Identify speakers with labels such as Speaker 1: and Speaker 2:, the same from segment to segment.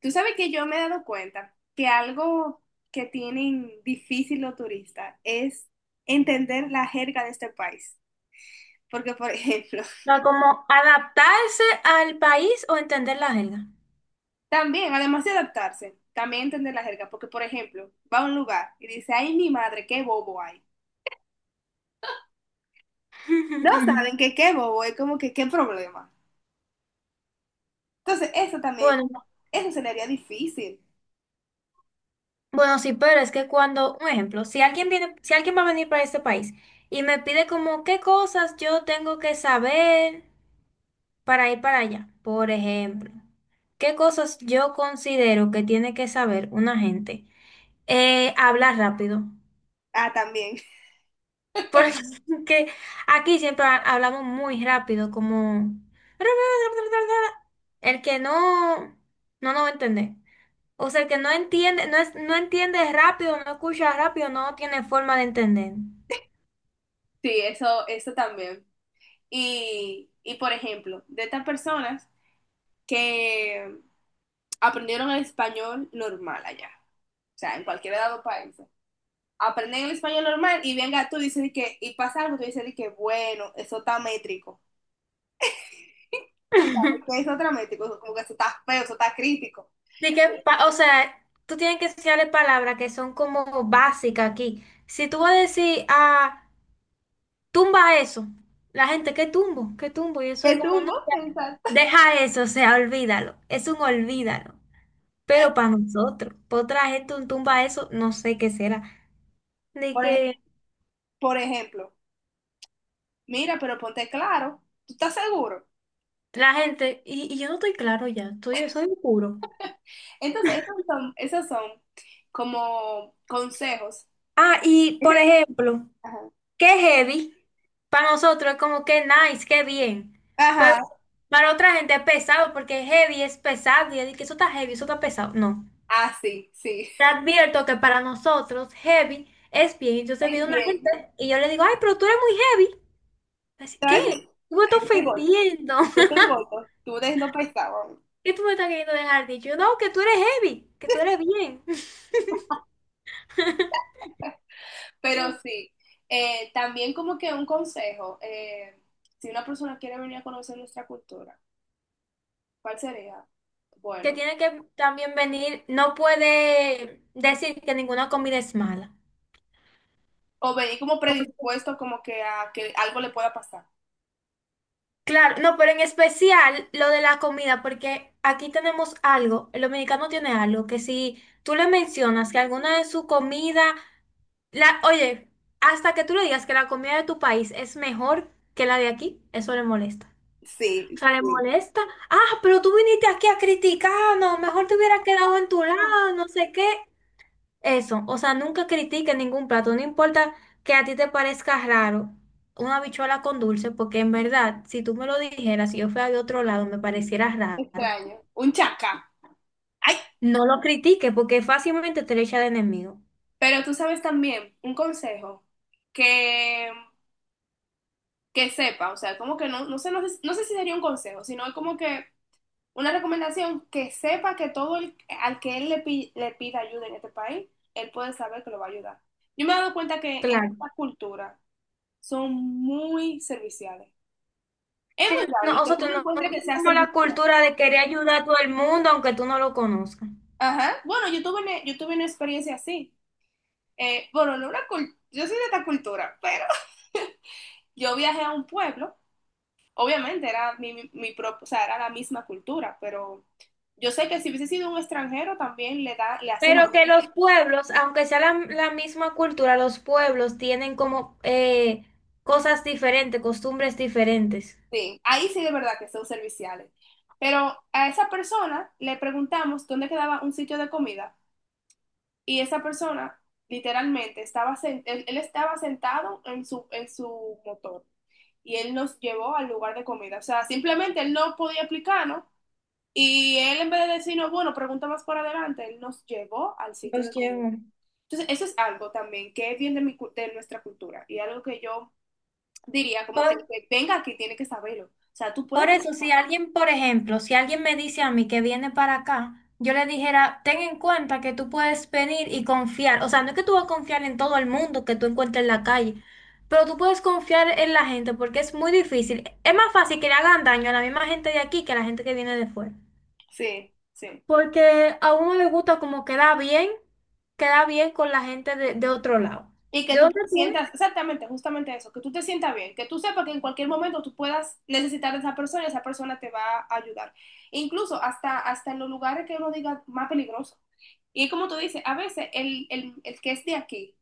Speaker 1: Tú sabes que yo me he dado cuenta que algo que tienen difícil los turistas es entender la jerga de este país. Porque, por ejemplo,
Speaker 2: Sea, como adaptarse al país o entender la jerga.
Speaker 1: también, además de adaptarse, también entender la jerga. Porque, por ejemplo, va a un lugar y dice, ay, mi madre, qué bobo hay. No saben que qué bobo es como que qué problema. Entonces, eso también, como,
Speaker 2: Bueno,
Speaker 1: eso se le haría difícil.
Speaker 2: bueno, sí, pero es que cuando, un ejemplo, si alguien viene, si alguien va a venir para este país y me pide como qué cosas yo tengo que saber para ir para allá, por ejemplo, qué cosas yo considero que tiene que saber una gente. Hablar rápido.
Speaker 1: Ah, también.
Speaker 2: Porque aquí siempre hablamos muy rápido, como... El que no, no nos va a entender. O sea, el que no entiende, no es, no entiende rápido, no escucha rápido, no tiene forma de entender.
Speaker 1: Sí, eso también. Y, por ejemplo, de estas personas que aprendieron el español normal allá, o sea, en cualquier de los países. Aprenden el español normal y venga tú y dices que, y pasa algo, tú dices que, bueno, eso está métrico. Tú sabes que eso está métrico, como que eso está feo, eso está crítico.
Speaker 2: Así que, o sea, tú tienes que enseñarle palabras que son como básicas aquí. Si tú vas a decir, ah, tumba eso, la gente, ¿qué tumbo? ¿Qué tumbo? Y eso es
Speaker 1: Te
Speaker 2: como,
Speaker 1: tumbo,
Speaker 2: no, ya,
Speaker 1: exacto.
Speaker 2: deja eso, o sea, olvídalo. Es un olvídalo. Pero para nosotros, para otra gente un tumba eso, no sé qué será. De
Speaker 1: Por, ej-
Speaker 2: que
Speaker 1: por ejemplo, mira, pero ponte claro, ¿tú estás seguro?
Speaker 2: la gente, y yo no estoy claro ya, estoy, soy oscuro.
Speaker 1: Entonces, esos son como consejos.
Speaker 2: Ah, y por ejemplo,
Speaker 1: Ajá.
Speaker 2: qué heavy, para nosotros es como que nice, qué bien. Pero
Speaker 1: Ajá.
Speaker 2: para otra gente es pesado, porque heavy es pesado, y es de que eso está heavy, eso está pesado. No.
Speaker 1: Ah, sí, sí,
Speaker 2: Te advierto que para nosotros heavy es bien. Entonces
Speaker 1: es
Speaker 2: viene una
Speaker 1: bien.
Speaker 2: gente y yo le digo, ay, pero tú eres muy heavy. Así,
Speaker 1: Te voy
Speaker 2: ¿qué?
Speaker 1: a decir-
Speaker 2: Tú me estás
Speaker 1: Ay, yo estoy gorda.
Speaker 2: ofendiendo.
Speaker 1: Yo te voto, tú eres no pesado.
Speaker 2: ¿Qué tú me estás queriendo dejar dicho? No, que tú eres heavy, que tú eres bien.
Speaker 1: Pero sí, también como que un consejo, si una persona quiere venir a conocer nuestra cultura, ¿cuál sería?
Speaker 2: Que
Speaker 1: Bueno,
Speaker 2: tiene que también venir, no puede decir que ninguna comida es mala.
Speaker 1: o venir como predispuesto como que a que algo le pueda pasar.
Speaker 2: Claro, no, pero en especial lo de la comida, porque aquí tenemos algo, el dominicano tiene algo, que si tú le mencionas que alguna de su comida, la, oye, hasta que tú le digas que la comida de tu país es mejor que la de aquí, eso le molesta. O
Speaker 1: Sí,
Speaker 2: sea, le
Speaker 1: sí.
Speaker 2: molesta. Ah, pero tú viniste aquí a criticarnos, mejor te hubieras quedado en tu
Speaker 1: Ah,
Speaker 2: lado, no sé qué. Eso, o sea, nunca critiques ningún plato, no importa que a ti te parezca raro una habichuela con dulce, porque en verdad, si tú me lo dijeras, si yo fuera de otro lado, me pareciera raro.
Speaker 1: extraño, un chacá. Ay,
Speaker 2: No lo critiques, porque fácilmente te lo echa de enemigo.
Speaker 1: pero tú sabes también, un consejo que, que sepa, o sea, como que no, no sé, no sé, no sé si sería un consejo, sino como que una recomendación, que sepa que todo el, al que él le pida ayuda en este país, él puede saber que lo va a ayudar. Yo me he dado cuenta que en
Speaker 2: Claro.
Speaker 1: esta cultura son muy serviciales. Es
Speaker 2: Sí,
Speaker 1: muy
Speaker 2: no,
Speaker 1: raro el que tú
Speaker 2: nosotros
Speaker 1: no
Speaker 2: no
Speaker 1: encuentres que sea
Speaker 2: tenemos la
Speaker 1: servicial.
Speaker 2: cultura de querer ayudar a todo el mundo, aunque tú no lo conozcas.
Speaker 1: Ajá. Bueno, yo tuve una experiencia así. Bueno, no una cul- yo soy de esta cultura, pero yo viajé a un pueblo. Obviamente era o sea, era la misma cultura, pero yo sé que si hubiese sido un extranjero también le da, le hacen lo...
Speaker 2: Pero que los pueblos, aunque sea la misma cultura, los pueblos tienen como cosas diferentes, costumbres diferentes.
Speaker 1: Sí, ahí sí de verdad que son serviciales. Pero a esa persona le preguntamos dónde quedaba un sitio de comida y esa persona literalmente él estaba sentado en en su motor y él nos llevó al lugar de comida. O sea, simplemente él no podía explicarnos y él en vez de decirnos, bueno, pregunta más por adelante, él nos llevó al sitio
Speaker 2: Los
Speaker 1: de comida.
Speaker 2: llevo.
Speaker 1: Entonces, eso es algo también que es bien de, de nuestra cultura y algo que yo diría como que el
Speaker 2: Por,
Speaker 1: que venga aquí tiene que saberlo. O sea, tú puedes...
Speaker 2: por eso, si alguien, por ejemplo, si alguien me dice a mí que viene para acá, yo le dijera, ten en cuenta que tú puedes venir y confiar. O sea, no es que tú vas a confiar en todo el mundo que tú encuentres en la calle, pero tú puedes confiar en la gente porque es muy difícil. Es más fácil que le hagan daño a la misma gente de aquí que a la gente que viene de fuera.
Speaker 1: Sí, sí.
Speaker 2: Porque a uno le gusta como queda bien con la gente de otro lado.
Speaker 1: Y que
Speaker 2: ¿De
Speaker 1: tú te
Speaker 2: dónde tú eres?
Speaker 1: sientas, exactamente, justamente eso, que tú te sientas bien, que tú sepas que en cualquier momento tú puedas necesitar a esa persona y esa persona te va a ayudar. Incluso hasta, hasta en los lugares que uno diga más peligroso. Y como tú dices, a veces el que es de aquí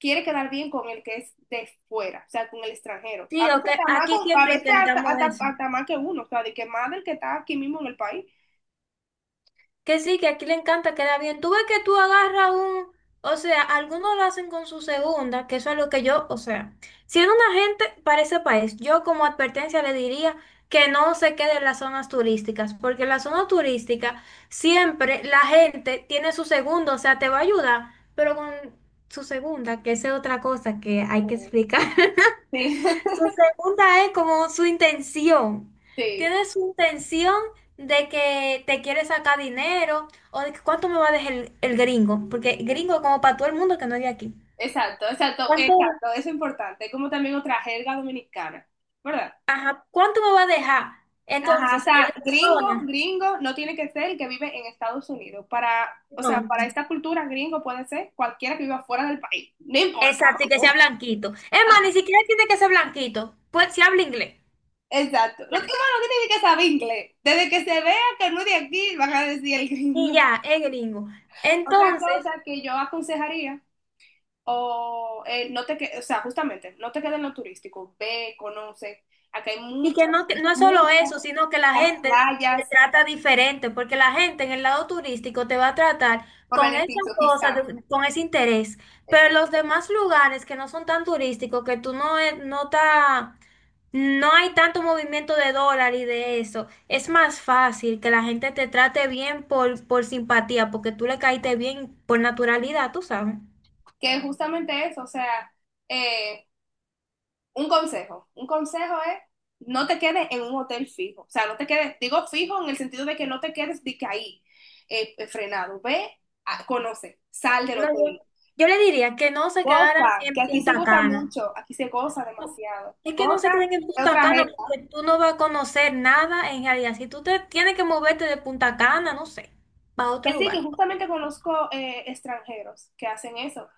Speaker 1: quiere quedar bien con el que es de fuera, o sea, con el extranjero. A
Speaker 2: Sí,
Speaker 1: veces
Speaker 2: ok,
Speaker 1: hasta más,
Speaker 2: aquí
Speaker 1: a
Speaker 2: siempre
Speaker 1: veces hasta,
Speaker 2: intentamos
Speaker 1: hasta,
Speaker 2: eso.
Speaker 1: hasta más que uno, o sea, de que más del que está aquí mismo en el país.
Speaker 2: Que sí, que aquí le encanta quedar bien. Tú ves que tú agarras un, o sea, algunos lo hacen con su segunda, que eso es lo que yo, o sea, siendo una gente para ese país, yo como advertencia le diría que no se quede en las zonas turísticas, porque en la zona turística siempre la gente tiene su segunda, o sea, te va a ayudar, pero con su segunda, que esa es otra cosa que hay que explicar.
Speaker 1: Sí,
Speaker 2: Su segunda es como su intención.
Speaker 1: sí.
Speaker 2: Tiene su intención de que te quiere sacar dinero o de que cuánto me va a dejar el gringo, porque gringo es como para todo el mundo que no es de aquí.
Speaker 1: Exacto, exacto,
Speaker 2: ¿Cuánto,
Speaker 1: exacto, eso es importante, como también otra jerga dominicana, ¿verdad?
Speaker 2: ajá, cuánto me va a dejar?
Speaker 1: Ajá, o
Speaker 2: Entonces, en
Speaker 1: sea,
Speaker 2: la
Speaker 1: gringo,
Speaker 2: zona,
Speaker 1: gringo, no tiene que ser el que vive en Estados Unidos. Para, o sea,
Speaker 2: no.
Speaker 1: para esta cultura, gringo puede ser cualquiera que viva fuera del país, no importa.
Speaker 2: Exacto, y que sea
Speaker 1: ¿No?
Speaker 2: blanquito. Es más, ni siquiera tiene que ser blanquito, pues si habla inglés.
Speaker 1: Exacto, no,
Speaker 2: Ya.
Speaker 1: tiene- bueno, no tiene ni que saber inglés. Desde que se vea que no es de aquí, van a decir el
Speaker 2: Y
Speaker 1: gringo.
Speaker 2: ya, es gringo.
Speaker 1: Otra
Speaker 2: Entonces,
Speaker 1: cosa que yo aconsejaría, o no te que, o sea, justamente, no te quedes en lo turístico, ve, conoce. Acá hay
Speaker 2: y que
Speaker 1: muchas,
Speaker 2: no, no es solo
Speaker 1: muchas...
Speaker 2: eso, sino que la
Speaker 1: las
Speaker 2: gente te
Speaker 1: playas
Speaker 2: trata diferente, porque la gente en el lado turístico te va a tratar
Speaker 1: por
Speaker 2: con esa
Speaker 1: beneficio,
Speaker 2: cosa,
Speaker 1: quizás.
Speaker 2: con ese interés. Pero
Speaker 1: Exacto.
Speaker 2: los demás lugares que no son tan turísticos, que tú no, no, no hay tanto movimiento de dólar y de eso, es más fácil que la gente te trate bien por simpatía, porque tú le caíste bien por naturalidad, tú sabes.
Speaker 1: Que justamente eso, o sea, eh, un consejo. Un consejo es no te quedes en un hotel fijo. O sea, no te quedes, digo fijo en el sentido de que no te quedes de que ahí, frenado. Ve, conoce, sal del
Speaker 2: No,
Speaker 1: hotel.
Speaker 2: yo le diría que no se quedaran
Speaker 1: Goza, que
Speaker 2: en
Speaker 1: aquí se
Speaker 2: Punta
Speaker 1: goza
Speaker 2: Cana.
Speaker 1: mucho, aquí se goza
Speaker 2: No,
Speaker 1: demasiado.
Speaker 2: es que no se
Speaker 1: Goza
Speaker 2: queden en
Speaker 1: de
Speaker 2: Punta
Speaker 1: otra
Speaker 2: Cana
Speaker 1: gente.
Speaker 2: porque tú no vas a conocer nada en realidad. Si tú te tienes que moverte de Punta Cana, no sé, para otro
Speaker 1: Que sí, que
Speaker 2: lugar.
Speaker 1: justamente conozco extranjeros que hacen eso.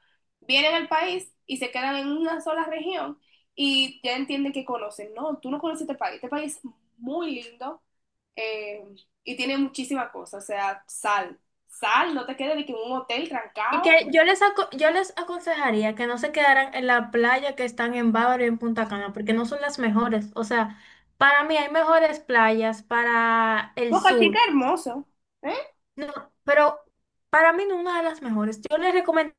Speaker 1: Vienen al país y se quedan en una sola región y ya entienden que conocen. No, tú no conoces este país. Este país es muy lindo, eh, y tiene muchísimas cosas. O sea, sal. Sal, no te quedes de que en un hotel
Speaker 2: Y
Speaker 1: trancado.
Speaker 2: que yo les, yo les aconsejaría que no se quedaran en la playa que están en Bávaro y en Punta Cana, porque no son las mejores. O sea, para mí hay mejores playas para el
Speaker 1: Boca Chica
Speaker 2: sur.
Speaker 1: hermoso. ¿Eh?
Speaker 2: No, pero para mí no es una de las mejores. Yo les recomendaría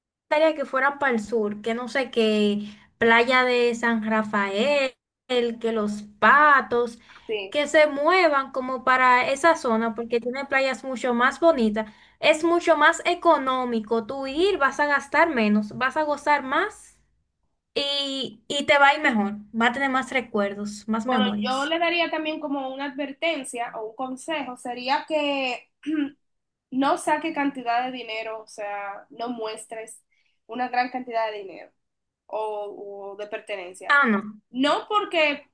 Speaker 2: que fueran para el sur, que no sé, que Playa de San Rafael, que Los Patos,
Speaker 1: Sí.
Speaker 2: que se muevan como para esa zona, porque tiene playas mucho más bonitas. Es mucho más económico. Tú ir, vas a gastar menos, vas a gozar más y te va a ir mejor. Va a tener más recuerdos, más
Speaker 1: Bueno, yo
Speaker 2: memorias.
Speaker 1: le daría también como una advertencia o un consejo. Sería que no saque cantidad de dinero, o sea, no muestres una gran cantidad de dinero o de pertenencia.
Speaker 2: Ah, no.
Speaker 1: No porque,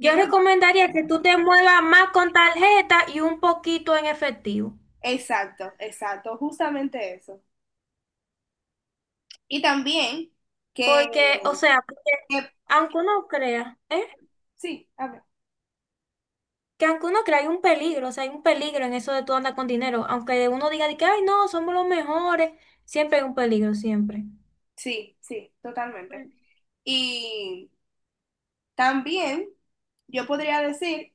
Speaker 1: sí, ¿verdad?
Speaker 2: recomendaría que tú te muevas más con tarjeta y un poquito en efectivo.
Speaker 1: Exacto, exacto, justamente eso. Y también que,
Speaker 2: Porque, o sea, porque
Speaker 1: que-
Speaker 2: aunque uno crea, ¿eh?
Speaker 1: sí, a ver,
Speaker 2: Que aunque uno crea, hay un peligro, o sea, hay un peligro en eso de tú andar con dinero. Aunque uno diga de que, ay, no, somos los mejores, siempre hay un peligro, siempre.
Speaker 1: sí, sí, totalmente. Y también yo podría decir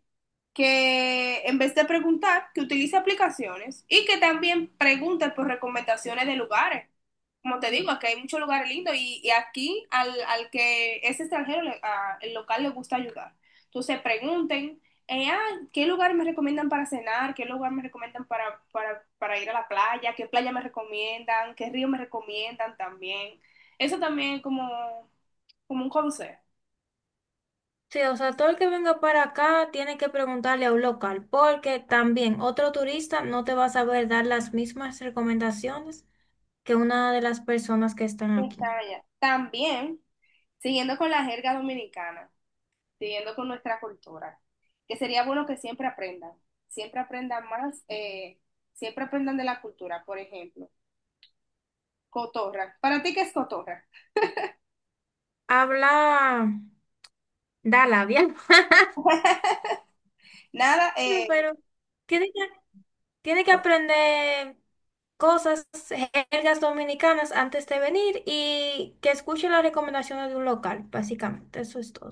Speaker 1: que en vez de preguntar, que utilice aplicaciones y que también pregunte por recomendaciones de lugares. Como te digo, aquí hay muchos lugares lindos y aquí al, que es extranjero, el local le gusta ayudar. Entonces pregunten, eh, ah, ¿qué lugar me recomiendan para cenar? ¿Qué lugar me recomiendan para, para ir a la playa? ¿Qué playa me recomiendan? ¿Qué río me recomiendan también? Eso también es como, como un consejo.
Speaker 2: Sí, o sea, todo el que venga para acá tiene que preguntarle a un local, porque también otro turista no te va a saber dar las mismas recomendaciones que una de las personas que están aquí.
Speaker 1: Estaba allá. También, siguiendo con la jerga dominicana, siguiendo con nuestra cultura, que sería bueno que siempre aprendan más, siempre aprendan de la cultura, por ejemplo, cotorra. ¿Para ti qué es cotorra?
Speaker 2: Habla. Da labia.
Speaker 1: Nada,
Speaker 2: No, pero tiene que, tiene que aprender cosas, jergas dominicanas antes de venir y que escuche las recomendaciones de un local, básicamente. Eso es todo.